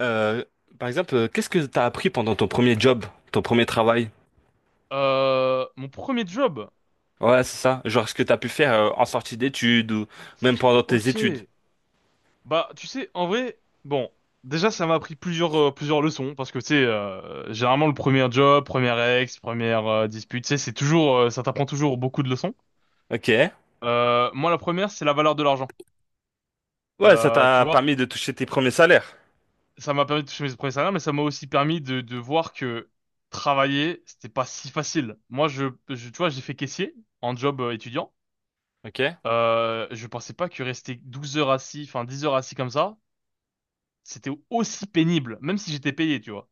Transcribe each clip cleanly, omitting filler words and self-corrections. Euh, Par exemple, qu'est-ce que t'as appris pendant ton premier job, ton premier travail? Mon premier job. Ouais, c'est ça. Genre ce que t'as pu faire en sortie d'études ou même pendant tes Ok. études. Bah, tu sais, en vrai, bon, déjà, ça m'a appris plusieurs leçons parce que, tu sais, généralement, le premier job, première dispute, tu sais, c'est toujours, ça t'apprend toujours beaucoup de leçons. Ok. Moi, la première, c'est la valeur de l'argent. Ouais, ça Tu t'a vois, permis de toucher tes premiers salaires. ça m'a permis de toucher mes premiers salaires, mais ça m'a aussi permis de voir que travailler, c'était pas si facile. Moi, tu vois, j'ai fait caissier en job étudiant. Ok. Je pensais pas que rester 12 heures assis, enfin 10 heures assis comme ça, c'était aussi pénible, même si j'étais payé, tu vois.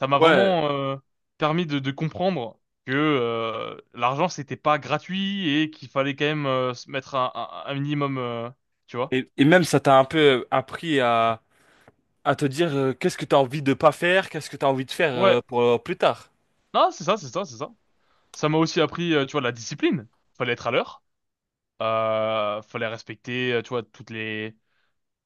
Ça m'a Ouais. vraiment permis de comprendre que l'argent, c'était pas gratuit et qu'il fallait quand même se mettre un minimum, tu vois. Et même ça t'a un peu appris à te dire qu'est-ce que t'as envie de pas faire, qu'est-ce que t'as envie de faire Ouais, pour plus tard. non, c'est ça, c'est ça, c'est ça. Ça m'a aussi appris, tu vois, la discipline. Fallait être à l'heure, fallait respecter, tu vois, toutes les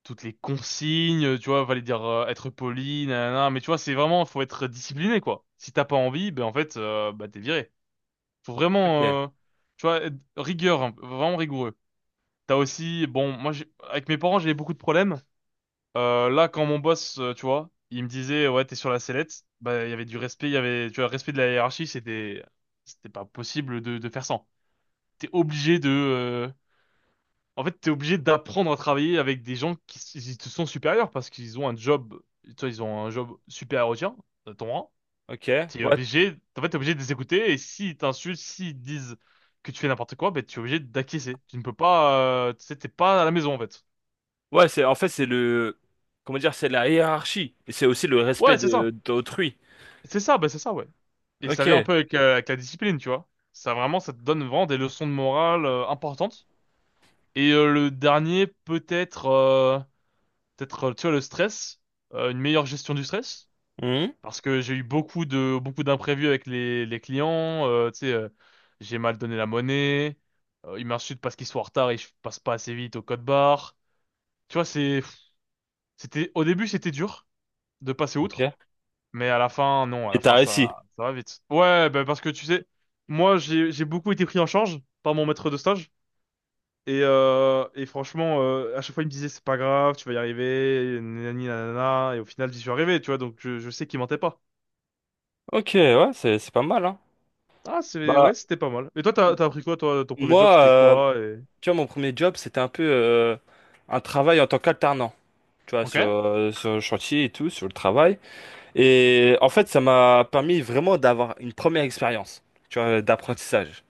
toutes les consignes, tu vois, fallait dire être poli, nanana, mais tu vois, c'est vraiment, faut être discipliné, quoi. Si t'as pas envie, ben en fait, bah t'es viré. Faut Ok. vraiment, tu vois, être rigueur, hein, vraiment rigoureux. T'as aussi, bon, moi, avec mes parents, j'avais beaucoup de problèmes. Là, quand mon boss, tu vois, il me disait, ouais, t'es sur la sellette, bah, il y avait du respect, il y avait, tu vois, le respect de la hiérarchie, c'était pas possible de faire sans. T'es obligé de, euh, En fait, t'es obligé d'apprendre à travailler avec des gens qui, ils te sont supérieurs parce qu'ils ont un job, tu vois, ils ont un job supérieur au tien, à ton rang. Ok. T'es Ouais. obligé, en fait, t'es obligé de les écouter et s'ils t'insultent, s'ils disent que tu fais n'importe quoi, ben, tu es obligé d'acquiescer. Tu ne peux pas, tu sais, t'es pas à la maison, en fait. Ouais, c'est en fait c'est le comment dire, c'est la hiérarchie et c'est aussi le respect Ouais, c'est ça. de d'autrui. C'est ça, ben, c'est ça, ouais. Et ça vient un Ok. peu avec la discipline, tu vois. Ça vraiment, ça te donne vraiment des leçons de morale, importantes. Et le dernier, peut-être, tu vois, le stress, une meilleure gestion du stress. Mhm. Parce que j'ai eu beaucoup d'imprévus avec les clients. Tu sais, j'ai mal donné la monnaie. Ils m'insultent parce qu'ils sont en retard et je passe pas assez vite au code barre. Tu vois, c'était au début, c'était dur de passer Ok. outre, mais à la fin non, à la Et t'as fin réussi. ça va vite. Ouais, bah parce que tu sais, moi j'ai beaucoup été pris en charge par mon maître de stage et franchement à chaque fois il me disait c'est pas grave, tu vas y arriver, nanani nanana, et au final j'y suis arrivé, tu vois, donc je sais qu'il mentait pas. Ok, ouais, c'est pas mal, hein. Ah, Bah, ouais, c'était pas mal. Et toi, m- t'as appris quoi, toi, ton premier job, moi, c'était quoi, et... tu vois, mon premier job, c'était un peu un travail en tant qu'alternant, tu vois, Ok, sur, sur le chantier et tout, sur le travail. Et en fait, ça m'a permis vraiment d'avoir une première expérience, tu vois, d'apprentissage.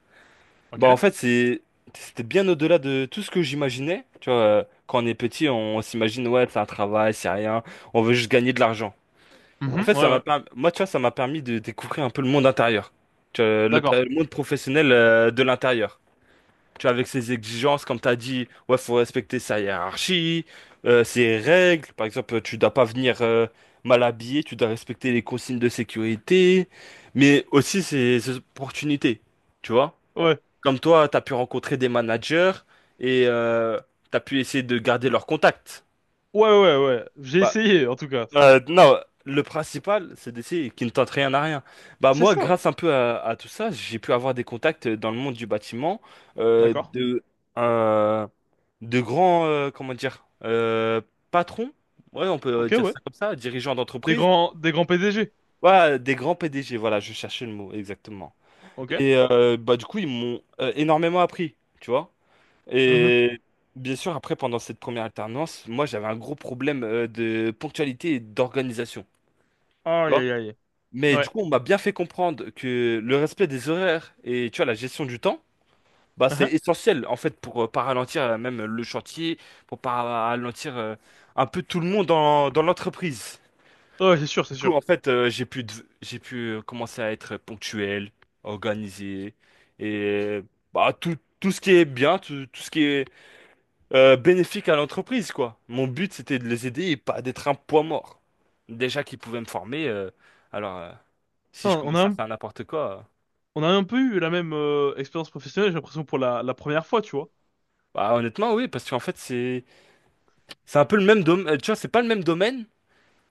Bah, en ok. fait, c'est, c'était bien au-delà de tout ce que j'imaginais. Tu vois, quand on est petit, on, s'imagine, ouais, c'est un travail, c'est rien, on veut juste gagner de l'argent. En Mhm, fait, ouais, ça m'a ouais. permis, moi, tu vois, ça m'a permis de découvrir un peu le monde intérieur. Tu vois, D'accord. le monde professionnel de l'intérieur. Tu vois, avec ses exigences, comme tu as dit, ouais, faut respecter sa hiérarchie, ses règles. Par exemple, tu dois pas venir mal habillé, tu dois respecter les consignes de sécurité, mais aussi ses, opportunités. Tu vois? Ouais, Comme toi, tu as pu rencontrer des managers et tu as pu essayer de garder leurs contacts. ouais, ouais, ouais. J'ai Bah, essayé, en tout cas. Non, le principal, c'est d'essayer qui ne tente rien à rien. Bah C'est moi, ça, ouais. grâce un peu à tout ça, j'ai pu avoir des contacts dans le monde du bâtiment, D'accord. de un- de grands, comment dire, patrons. Ouais, on peut Ok, dire ouais. ça comme ça, dirigeants Des d'entreprise. grands, des grands PDG. Ouais, des grands PDG. Voilà, je cherchais le mot exactement. Ok. Et bah du coup, ils m'ont énormément appris, tu vois. Mhm. Et bien sûr, après, pendant cette première alternance, moi, j'avais un gros problème de ponctualité et d'organisation. Tu Aïe, vois. aïe, aïe. Mais du Ouais. coup, on m'a bien fait comprendre que le respect des horaires et tu vois, la gestion du temps, bah, c'est Uhum. essentiel en fait pour pas ralentir même le chantier, pour pas ralentir un peu tout le monde dans, dans l'entreprise. Ouais, c'est sûr, c'est Du coup, en sûr. fait, j'ai pu, j'ai pu commencer à être ponctuel, organisé et bah, tout, tout ce qui est bien, tout, tout ce qui est bénéfique à l'entreprise, quoi. Mon but, c'était de les aider et pas d'être un poids mort. Déjà qu'ils pouvaient me former, alors si je Putain, commence à faire n'importe quoi, on a un peu eu la même expérience professionnelle, j'ai l'impression, pour la première fois, tu vois. bah, honnêtement, oui, parce qu'en fait, c'est un peu le même domaine, tu vois, c'est pas le même domaine,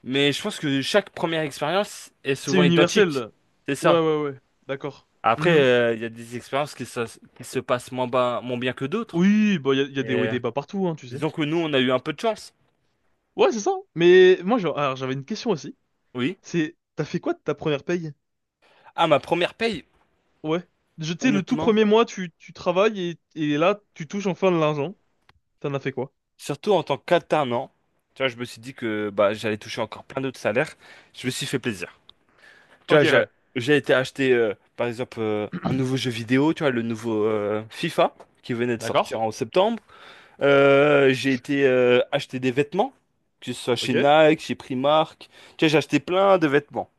mais je pense que chaque première expérience est C'est souvent identique. universel. C'est Ouais, ça. ouais, ouais. D'accord. Après, Mhm. Il y a des expériences qui se passent moins, moins bien que d'autres. Oui, bah, y a Et, des hauts et des bas partout, hein, tu sais. disons que nous, on a eu un peu de chance. Ouais, c'est ça. Mais moi, genre, alors, j'avais une question aussi. Oui. T'as fait quoi de ta première paye? Ah, ma première paye, Ouais. Je Tu sais, le tout honnêtement. premier mois, tu travailles et là, tu touches enfin de l'argent. T'en as fait quoi? Surtout en tant qu'alternant, tu vois, je me suis dit que bah, j'allais toucher encore plein d'autres salaires. Je me suis fait plaisir. Tu Ok, vois, ouais. j'ai été acheter, par exemple, un nouveau jeu vidéo, tu vois, le nouveau FIFA, qui venait de D'accord. sortir en septembre. J'ai été acheter des vêtements, que ce soit chez Ok. Nike, chez Primark. Tu vois, j'ai acheté plein de vêtements.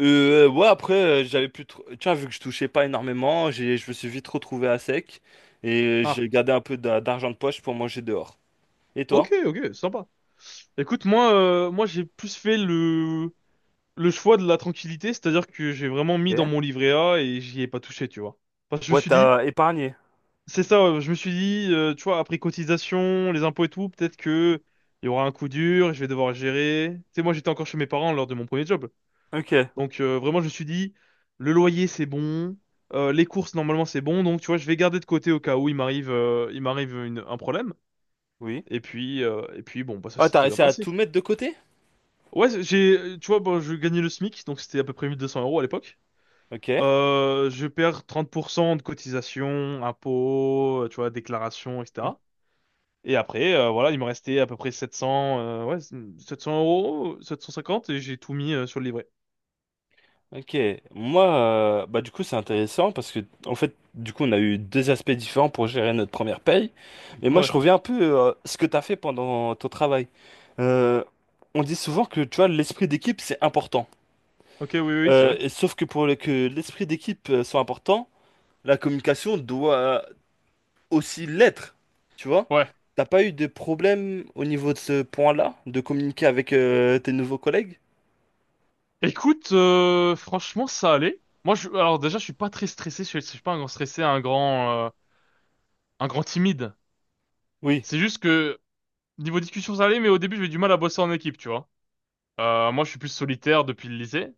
Ouais, après, j'avais plus trop. Tu vois, vu que je touchais pas énormément, j'ai, je me suis vite retrouvé à sec. Et Ah, j'ai gardé un peu d'argent de poche pour manger dehors. Et toi? ok, ok, sympa. Écoute, moi, j'ai plus fait le choix de la tranquillité, c'est-à-dire que j'ai vraiment mis dans Ok. mon livret A et j'y ai pas touché, tu vois. Parce que je me Ouais, suis dit. t'as épargné. C'est ça, ouais, je me suis dit, tu vois, après cotisation, les impôts et tout, peut-être que il y aura un coup dur, et je vais devoir gérer. Tu sais, moi j'étais encore chez mes parents lors de mon premier job. Ok, Donc vraiment, je me suis dit, le loyer c'est bon, les courses normalement c'est bon, donc tu vois, je vais garder de côté au cas où il m'arrive un problème. oui. Et puis bon, bah, ça Ah, s'est t'as très bien réussi à passé. tout mettre de côté? Ouais, j'ai, tu vois, bon, je gagnais le SMIC, donc c'était à peu près 1 200 € à l'époque. Ok. Je perds 30% de cotisation, impôts, tu vois, déclaration, etc. Et après, voilà, il me restait à peu près 700, ouais, 700 euros, 750, et j'ai tout mis sur le livret. Ok. Moi, bah du coup, c'est intéressant parce que, en fait, du coup, on a eu deux aspects différents pour gérer notre première paye. Mais moi, je Ouais. reviens un peu ce que t'as fait pendant ton travail. Euh, on dit souvent que, tu vois, l'esprit d'équipe, c'est important. Ok, oui, oui, c'est vrai. Et sauf que pour que l'esprit d'équipe soit important, la communication doit aussi l'être, tu vois? Ouais. T'as pas eu de problème au niveau de ce point-là, de communiquer avec tes nouveaux collègues? Écoute, franchement, ça allait. Moi, alors déjà, je suis pas très stressé. Je suis pas un grand stressé, un grand timide. Oui, C'est juste que niveau discussion, ça allait, mais au début, j'avais du mal à bosser en équipe, tu vois. Moi, je suis plus solitaire depuis le lycée,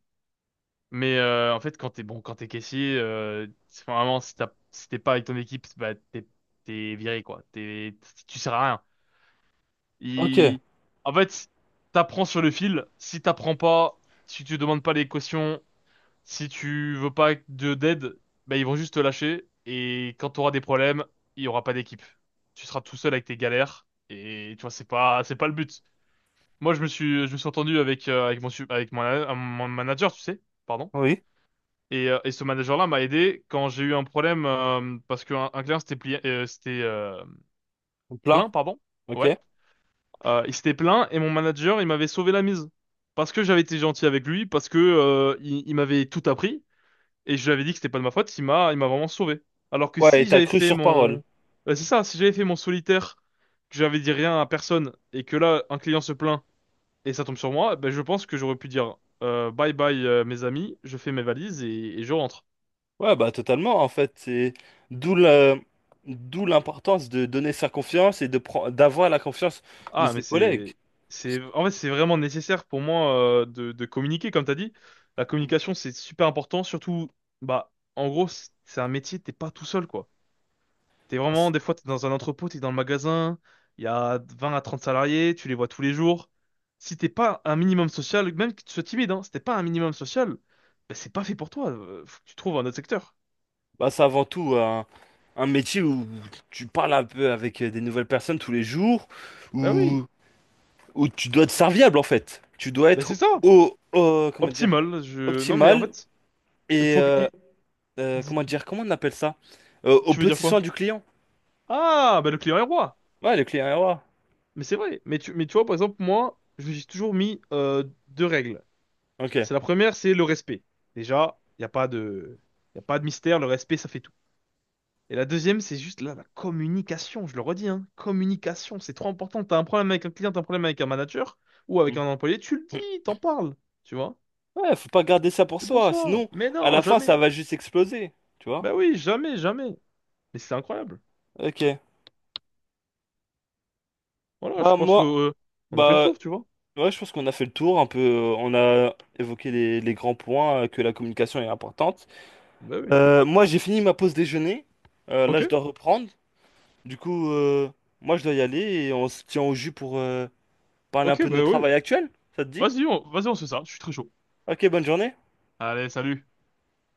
mais en fait, quand t'es caissier, c'est vraiment si t'es pas avec ton équipe, bah t'es viré quoi. Tu sers à rien. ok, Il... En fait, si t'apprends sur le fil. Si t'apprends pas, si tu demandes pas les cautions, si tu veux pas de d'aide, ben ils vont juste te lâcher. Et quand t'auras des problèmes, il y aura pas d'équipe. Tu seras tout seul avec tes galères. Et tu vois, c'est pas le but. Moi, je me suis entendu avec mon su- avec mon, mon manager, tu sais, pardon. oui, Et ce manager-là m'a aidé quand j'ai eu un problème parce qu'un un client s'était plié, s'était plein, plaint, pardon. Ouais. ok. Il s'était plaint et mon manager, il m'avait sauvé la mise. Parce que j'avais été gentil avec lui, parce que il m'avait tout appris et je lui avais dit que c'était pas de ma faute, il m'a vraiment sauvé. Alors que Ouais, si et t'as j'avais cru fait sur parole. mon Ouais, c'est ça, si j'avais fait mon solitaire, que j'avais dit rien à personne et que là un client se plaint et ça tombe sur moi, ben je pense que j'aurais pu dire bye bye mes amis, je fais mes valises et je rentre. Ouais, bah totalement, en fait, c'est d'où la- d'où l'importance de donner sa confiance et de d'avoir la confiance de Ah, ses mais collègues. Parce en fait, c'est vraiment nécessaire pour moi de communiquer, comme t'as dit. La que, communication, c'est super important, surtout, bah, en gros, c'est un métier, t'es pas tout seul, quoi. T'es bah, vraiment, c'est des fois, t'es dans un entrepôt, t'es dans le magasin, il y a 20 à 30 salariés, tu les vois tous les jours. Si t'es pas un minimum social, même que tu sois timide, hein, si t'es pas un minimum social, bah, c'est pas fait pour toi. Faut que tu trouves un autre secteur. bah, c'est avant tout un métier où tu parles un peu avec des nouvelles personnes tous les jours, Bah oui, où tu dois être serviable en fait. Tu dois mais c'est être ça. au, comment dire, Optimal, non, mais en optimal fait, il et faut que, il- dis- comment dire, comment on appelle ça? Au tu veux dire petit soin quoi? du client. Ah, bah le client est roi. Ouais, le client est roi. Mais c'est vrai. Mais tu vois, par exemple, moi, je me suis toujours mis deux règles. Ok. C'est la première, c'est le respect. Déjà, il n'y a pas de, y a pas de mystère, le respect, ça fait tout. Et la deuxième, c'est juste là, la communication, je le redis, hein. Communication, c'est trop important. T'as un problème avec un client, t'as un problème avec un manager ou avec Hmm. un employé, tu le dis, t'en parles, tu vois. Ouais, faut pas garder ça pour C'est pour soi, ça. sinon Mais à non, la fin ça jamais. va juste exploser, tu vois? Bah oui, jamais, jamais. Mais c'est incroyable. Ok. Voilà, je Bah pense que moi, on a fait le bah tour, tu vois. ouais, je pense qu'on a fait le tour un peu. On a évoqué les grands points que la communication est importante. Bah oui. Moi, j'ai fini ma pause déjeuner. Là, Ok, je dois reprendre. Du coup, moi je dois y aller et on se tient au jus pour parler un ok, peu de bah notre oui. travail actuel. Ça te dit? Vas-y, on se fait ça. Je suis très chaud. Ok, bonne journée. Allez, salut.